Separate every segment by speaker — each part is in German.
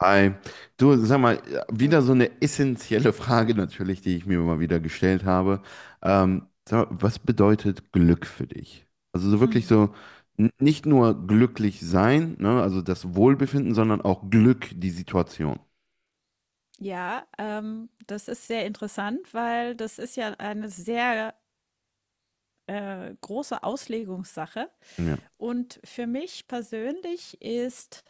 Speaker 1: Hi. Du, sag mal, wieder
Speaker 2: Hi.
Speaker 1: so eine essentielle Frage natürlich, die ich mir mal wieder gestellt habe. Sag mal, was bedeutet Glück für dich? Also so wirklich
Speaker 2: Hm.
Speaker 1: so nicht nur glücklich sein, ne, also das Wohlbefinden, sondern auch Glück, die Situation.
Speaker 2: Ja, das ist sehr interessant, weil das ist ja eine sehr große Auslegungssache.
Speaker 1: Ja.
Speaker 2: Und für mich persönlich ist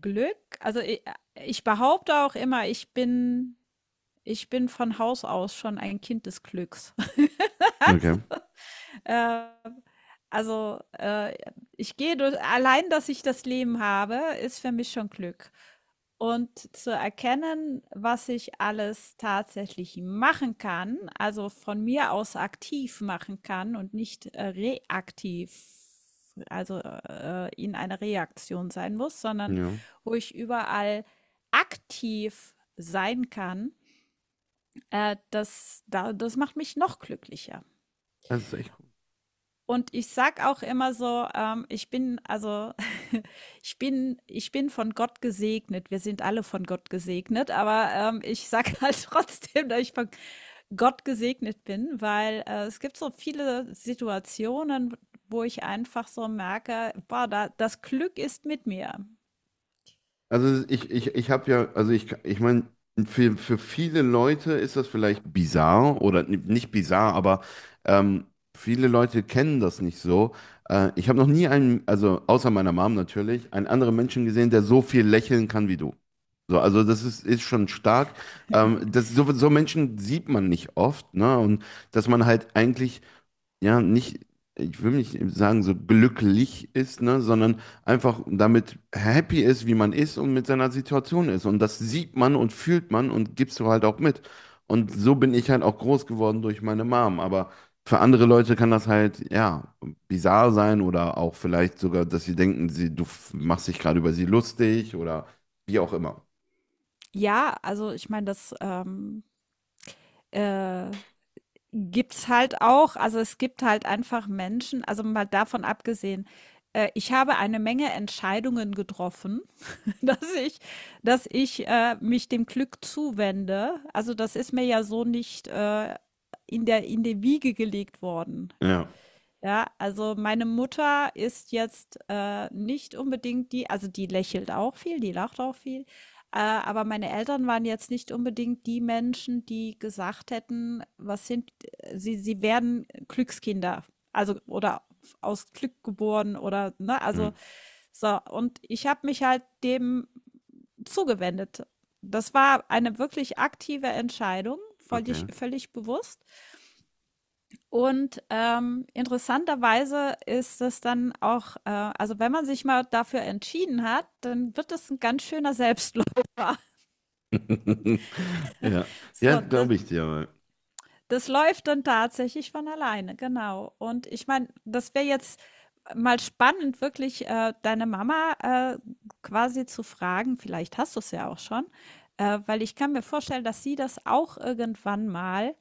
Speaker 2: Glück, also ich behaupte auch immer, ich bin von Haus aus schon ein Kind des Glücks.
Speaker 1: Okay.
Speaker 2: Ähm, also, ich gehe durch allein, dass ich das Leben habe, ist für mich schon Glück. Und zu erkennen, was ich alles tatsächlich machen kann, also von mir aus aktiv machen kann und nicht reaktiv, also in einer Reaktion sein muss, sondern
Speaker 1: Ja.
Speaker 2: wo ich überall aktiv sein kann, das macht mich noch glücklicher.
Speaker 1: Das ist echt.
Speaker 2: Und ich sag auch immer so, ich bin, also ich bin von Gott gesegnet. Wir sind alle von Gott gesegnet, aber ich sag halt trotzdem, dass ich von Gott gesegnet bin, weil es gibt so viele Situationen, wo ich einfach so merke, boah, das Glück ist mit mir.
Speaker 1: Also ich habe ja, also ich meine, für viele Leute ist das vielleicht bizarr oder nicht bizarr, aber ähm, viele Leute kennen das nicht so. Ich habe noch nie einen, also außer meiner Mom natürlich, einen anderen Menschen gesehen, der so viel lächeln kann wie du. So, also ist schon stark. Das, so, so Menschen sieht man nicht oft, ne? Und dass man halt eigentlich, ja, nicht, ich will nicht sagen, so glücklich ist, ne, sondern einfach damit happy ist, wie man ist und mit seiner Situation ist. Und das sieht man und fühlt man und gibst du halt auch mit. Und so bin ich halt auch groß geworden durch meine Mom. Aber für andere Leute kann das halt, ja, bizarr sein oder auch vielleicht sogar, dass sie denken, sie, du machst dich gerade über sie lustig oder wie auch immer.
Speaker 2: Ja, also ich meine, das äh, Gibt's halt auch. Also, es gibt halt einfach Menschen, also, mal davon abgesehen, ich habe eine Menge Entscheidungen getroffen, dass ich dass ich mich dem Glück zuwende. Also, das ist mir ja so nicht, in der in die Wiege gelegt worden.
Speaker 1: Ja.
Speaker 2: Ja, also meine Mutter ist jetzt, nicht unbedingt die, also die lächelt auch viel, die lacht auch viel, aber meine Eltern waren jetzt nicht unbedingt die Menschen, die gesagt hätten, was sind sie werden Glückskinder, also oder aus Glück geboren, oder, ne?
Speaker 1: Mhm.
Speaker 2: Also, so, und ich habe mich halt dem zugewendet. Das war eine wirklich aktive Entscheidung,
Speaker 1: Okay.
Speaker 2: völlig bewusst. Und interessanterweise ist es dann auch, also wenn man sich mal dafür entschieden hat, dann wird es ein ganz schöner Selbstläufer.
Speaker 1: Ja, ja,
Speaker 2: So,
Speaker 1: glaube ich dir.
Speaker 2: das läuft dann tatsächlich von alleine, genau. Und ich meine, das wäre jetzt mal spannend, wirklich deine Mama quasi zu fragen, vielleicht hast du es ja auch schon, weil ich kann mir vorstellen, dass sie das auch irgendwann mal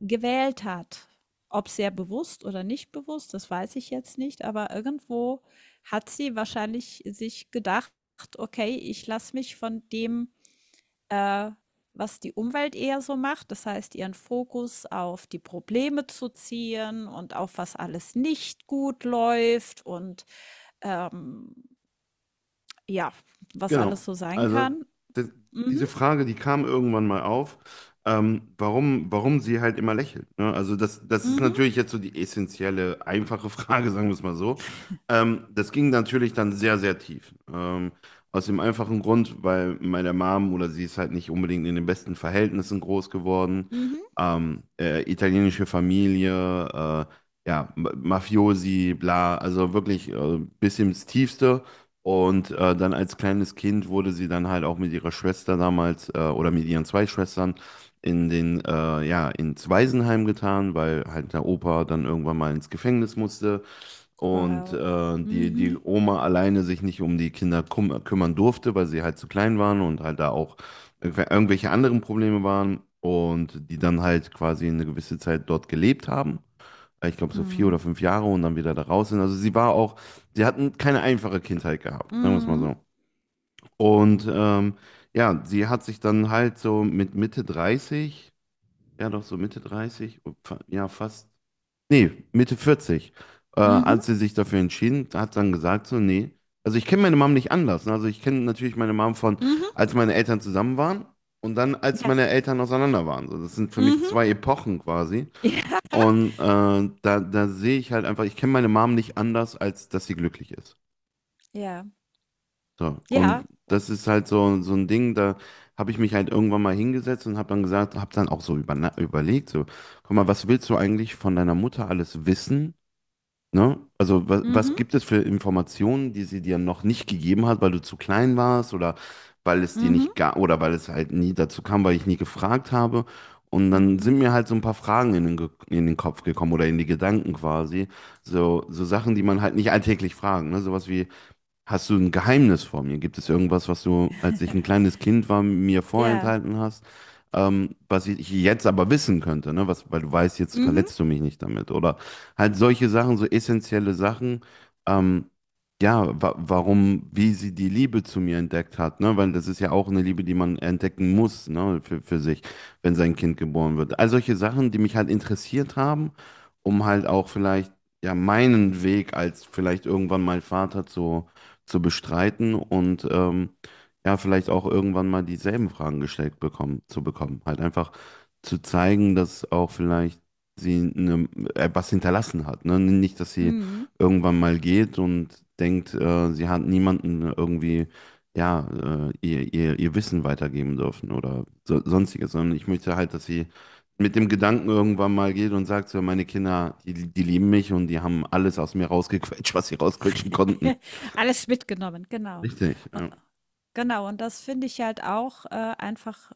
Speaker 2: gewählt hat. Ob sehr bewusst oder nicht bewusst, das weiß ich jetzt nicht, aber irgendwo hat sie wahrscheinlich sich gedacht, okay, ich lasse mich von dem, äh, was die Umwelt eher so macht, das heißt ihren Fokus auf die Probleme zu ziehen und auf was alles nicht gut läuft und ähm, ja, was
Speaker 1: Genau.
Speaker 2: alles so sein
Speaker 1: Also
Speaker 2: kann.
Speaker 1: das,
Speaker 2: Mhm,
Speaker 1: diese Frage, die kam irgendwann mal auf, warum, warum sie halt immer lächelt. Ne? Also das, das ist
Speaker 2: mhm,
Speaker 1: natürlich jetzt so die essentielle, einfache Frage, sagen wir es mal so. Das ging natürlich dann sehr, sehr tief. Aus dem einfachen Grund, weil meine Mom oder sie ist halt nicht unbedingt in den besten Verhältnissen groß geworden.
Speaker 2: mhm.
Speaker 1: Italienische Familie, äh, ja, Mafiosi, bla, also wirklich bis ins Tiefste. Und dann als kleines Kind wurde sie dann halt auch mit ihrer Schwester damals oder mit ihren zwei Schwestern in den, ja, ins Waisenheim getan, weil halt der Opa dann irgendwann mal ins Gefängnis musste und
Speaker 2: Wow.
Speaker 1: die, die
Speaker 2: Mhm.
Speaker 1: Oma alleine sich nicht um die Kinder kum kümmern durfte, weil sie halt zu klein waren und halt da auch irgendwelche anderen Probleme waren und die dann halt quasi eine gewisse Zeit dort gelebt haben. Ich glaube, so vier
Speaker 2: Mhm.
Speaker 1: oder fünf Jahre und dann wieder da raus sind. Also sie war auch, sie hatten keine einfache Kindheit gehabt, sagen wir es mal
Speaker 2: Mhm.
Speaker 1: so. Und ja, sie hat sich dann halt so mit Mitte 30, ja doch so Mitte 30, ja fast, nee, Mitte 40,
Speaker 2: Mhm.
Speaker 1: als sie sich dafür entschieden, hat dann gesagt so, nee, also ich kenne meine Mom nicht anders. Ne? Also ich kenne natürlich meine Mom von,
Speaker 2: Mhm.
Speaker 1: als meine Eltern zusammen waren und dann, als
Speaker 2: Ja.
Speaker 1: meine Eltern auseinander waren. So, das sind für mich
Speaker 2: Mhm.
Speaker 1: zwei Epochen quasi.
Speaker 2: Ja.
Speaker 1: Und da, da sehe ich halt einfach, ich kenne meine Mom nicht anders, als dass sie glücklich ist.
Speaker 2: Ja.
Speaker 1: So. Und
Speaker 2: Ja. O
Speaker 1: das ist halt so, so ein Ding, da habe ich mich halt irgendwann mal hingesetzt und habe dann gesagt, habe dann auch so überlegt, so, guck mal, was willst du eigentlich von deiner Mutter alles wissen? Ne? Also was, was
Speaker 2: mhm,
Speaker 1: gibt es für Informationen, die sie dir noch nicht gegeben hat, weil du zu klein warst oder weil es dir
Speaker 2: mhm,
Speaker 1: nicht gab oder weil es halt nie dazu kam, weil ich nie gefragt habe. Und dann
Speaker 2: mhm.
Speaker 1: sind mir halt so ein paar Fragen in den, in den Kopf gekommen oder in die Gedanken quasi. So, so Sachen, die man halt nicht alltäglich fragen. Ne? Sowas wie, hast du ein Geheimnis vor mir? Gibt es irgendwas, was du, als ich ein kleines Kind war, mir
Speaker 2: Ja.
Speaker 1: vorenthalten hast, was ich jetzt aber wissen könnte, ne? Was, weil du weißt, jetzt
Speaker 2: Mhm,
Speaker 1: verletzt du mich nicht damit. Oder halt solche Sachen, so essentielle Sachen, ähm, ja, wa warum, wie sie die Liebe zu mir entdeckt hat, ne? Weil das ist ja auch eine Liebe, die man entdecken muss, ne? Für sich, wenn sein Kind geboren wird. All solche Sachen, die mich halt interessiert haben, um halt auch vielleicht, ja, meinen Weg als vielleicht irgendwann mal Vater zu bestreiten und ja, vielleicht auch irgendwann mal dieselben Fragen zu bekommen. Halt einfach zu zeigen, dass auch vielleicht sie eine, was hinterlassen hat. Ne? Nicht, dass sie
Speaker 2: mhm.
Speaker 1: irgendwann mal geht und denkt, sie hat niemanden irgendwie, ja, ihr Wissen weitergeben dürfen oder so, sonstiges, sondern ich möchte halt, dass sie mit dem Gedanken irgendwann mal geht und sagt so, meine Kinder, die, die lieben mich und die haben alles aus mir rausgequetscht, was sie rausquetschen konnten.
Speaker 2: Alles mitgenommen, genau.
Speaker 1: Richtig, ja.
Speaker 2: Genau, und das finde ich halt auch, einfach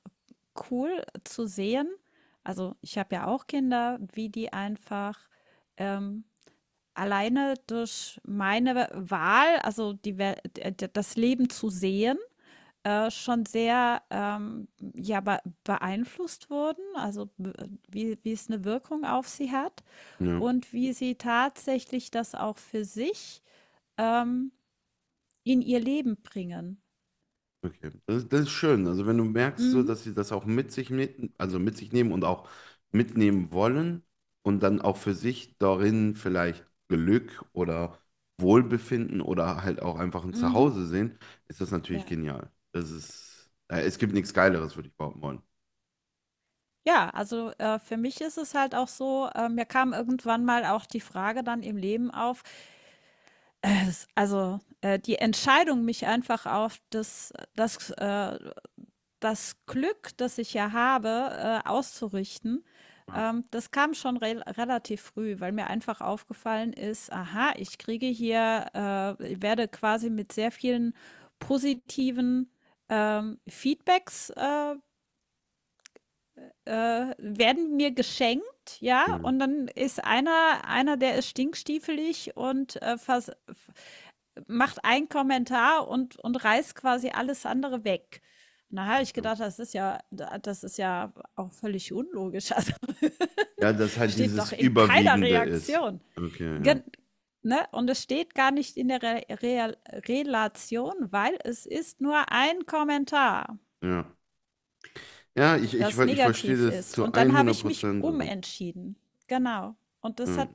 Speaker 2: cool zu sehen. Also, ich habe ja auch Kinder, wie die einfach, ähm, alleine durch meine Wahl, also die Wel d d das Leben zu sehen, schon sehr ja, be beeinflusst wurden, wie, wie es eine Wirkung auf sie hat
Speaker 1: Ja,
Speaker 2: und wie sie tatsächlich das auch für sich ähm, in ihr Leben bringen.
Speaker 1: okay. Das, das ist schön. Also wenn du merkst, so,
Speaker 2: Mhm,
Speaker 1: dass sie das auch also mit sich nehmen und auch mitnehmen wollen und dann auch für sich darin vielleicht Glück oder Wohlbefinden oder halt auch einfach ein
Speaker 2: mhm,
Speaker 1: Zuhause sehen, ist das natürlich
Speaker 2: ja.
Speaker 1: genial. Das ist, es gibt nichts Geileres, würde ich behaupten wollen.
Speaker 2: Ja, also für mich ist es halt auch so, mir kam irgendwann mal auch die Frage dann im Leben auf, die Entscheidung, mich einfach auf das das Glück, das ich ja habe, auszurichten,
Speaker 1: Ja,
Speaker 2: das kam schon relativ früh, weil mir einfach aufgefallen ist, aha, ich kriege hier, ich werde quasi mit sehr vielen positiven Feedbacks werden mir geschenkt, ja,
Speaker 1: ja,
Speaker 2: und dann ist einer, der ist stinkstiefelig und macht einen Kommentar und, reißt quasi alles andere weg. Na, habe ich
Speaker 1: ja.
Speaker 2: gedacht, das ist ja auch völlig unlogisch. Also
Speaker 1: Ja, dass halt
Speaker 2: steht
Speaker 1: dieses
Speaker 2: doch in keiner
Speaker 1: Überwiegende ist.
Speaker 2: Reaktion.
Speaker 1: Okay,
Speaker 2: Gen
Speaker 1: ja.
Speaker 2: Ne? Und es steht gar nicht in der Re Re Relation, weil es ist nur ein Kommentar,
Speaker 1: Ja, ja
Speaker 2: das
Speaker 1: ich verstehe
Speaker 2: negativ
Speaker 1: das
Speaker 2: ist.
Speaker 1: zu
Speaker 2: Und dann habe
Speaker 1: 100
Speaker 2: ich mich
Speaker 1: Prozent.
Speaker 2: umentschieden. Genau. Und das
Speaker 1: Ja.
Speaker 2: hat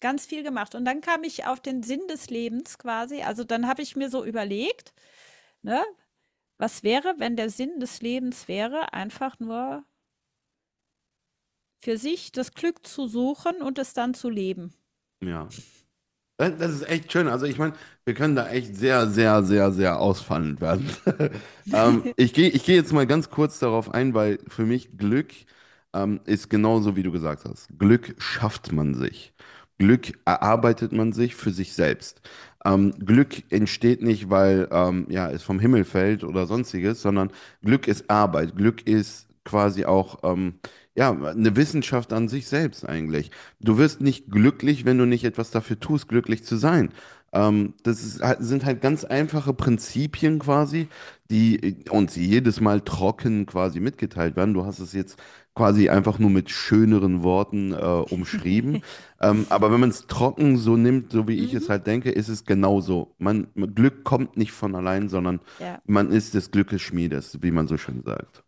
Speaker 2: ganz viel gemacht. Und dann kam ich auf den Sinn des Lebens quasi. Also dann habe ich mir so überlegt, ne, was wäre, wenn der Sinn des Lebens wäre, einfach nur für sich das Glück zu suchen und es dann zu leben?
Speaker 1: Ja. Das das ist echt schön. Also ich meine, wir können da echt sehr, sehr, sehr, sehr ausfallend werden. Ich geh jetzt mal ganz kurz darauf ein, weil für mich Glück ist genauso, wie du gesagt hast. Glück schafft man sich. Glück erarbeitet man sich für sich selbst. Glück entsteht nicht, weil ja, es vom Himmel fällt oder sonstiges, sondern Glück ist Arbeit. Glück ist quasi auch... ja, eine Wissenschaft an sich selbst eigentlich. Du wirst nicht glücklich, wenn du nicht etwas dafür tust, glücklich zu sein. Das ist, sind halt ganz einfache Prinzipien quasi, die uns jedes Mal trocken quasi mitgeteilt werden. Du hast es jetzt quasi einfach nur mit schöneren Worten umschrieben. Aber wenn man es trocken so nimmt, so wie ich es
Speaker 2: Mhm,
Speaker 1: halt denke, ist es genauso. Man, Glück kommt nicht von allein, sondern
Speaker 2: ja,
Speaker 1: man ist des Glückes Schmiedes, wie man so schön sagt.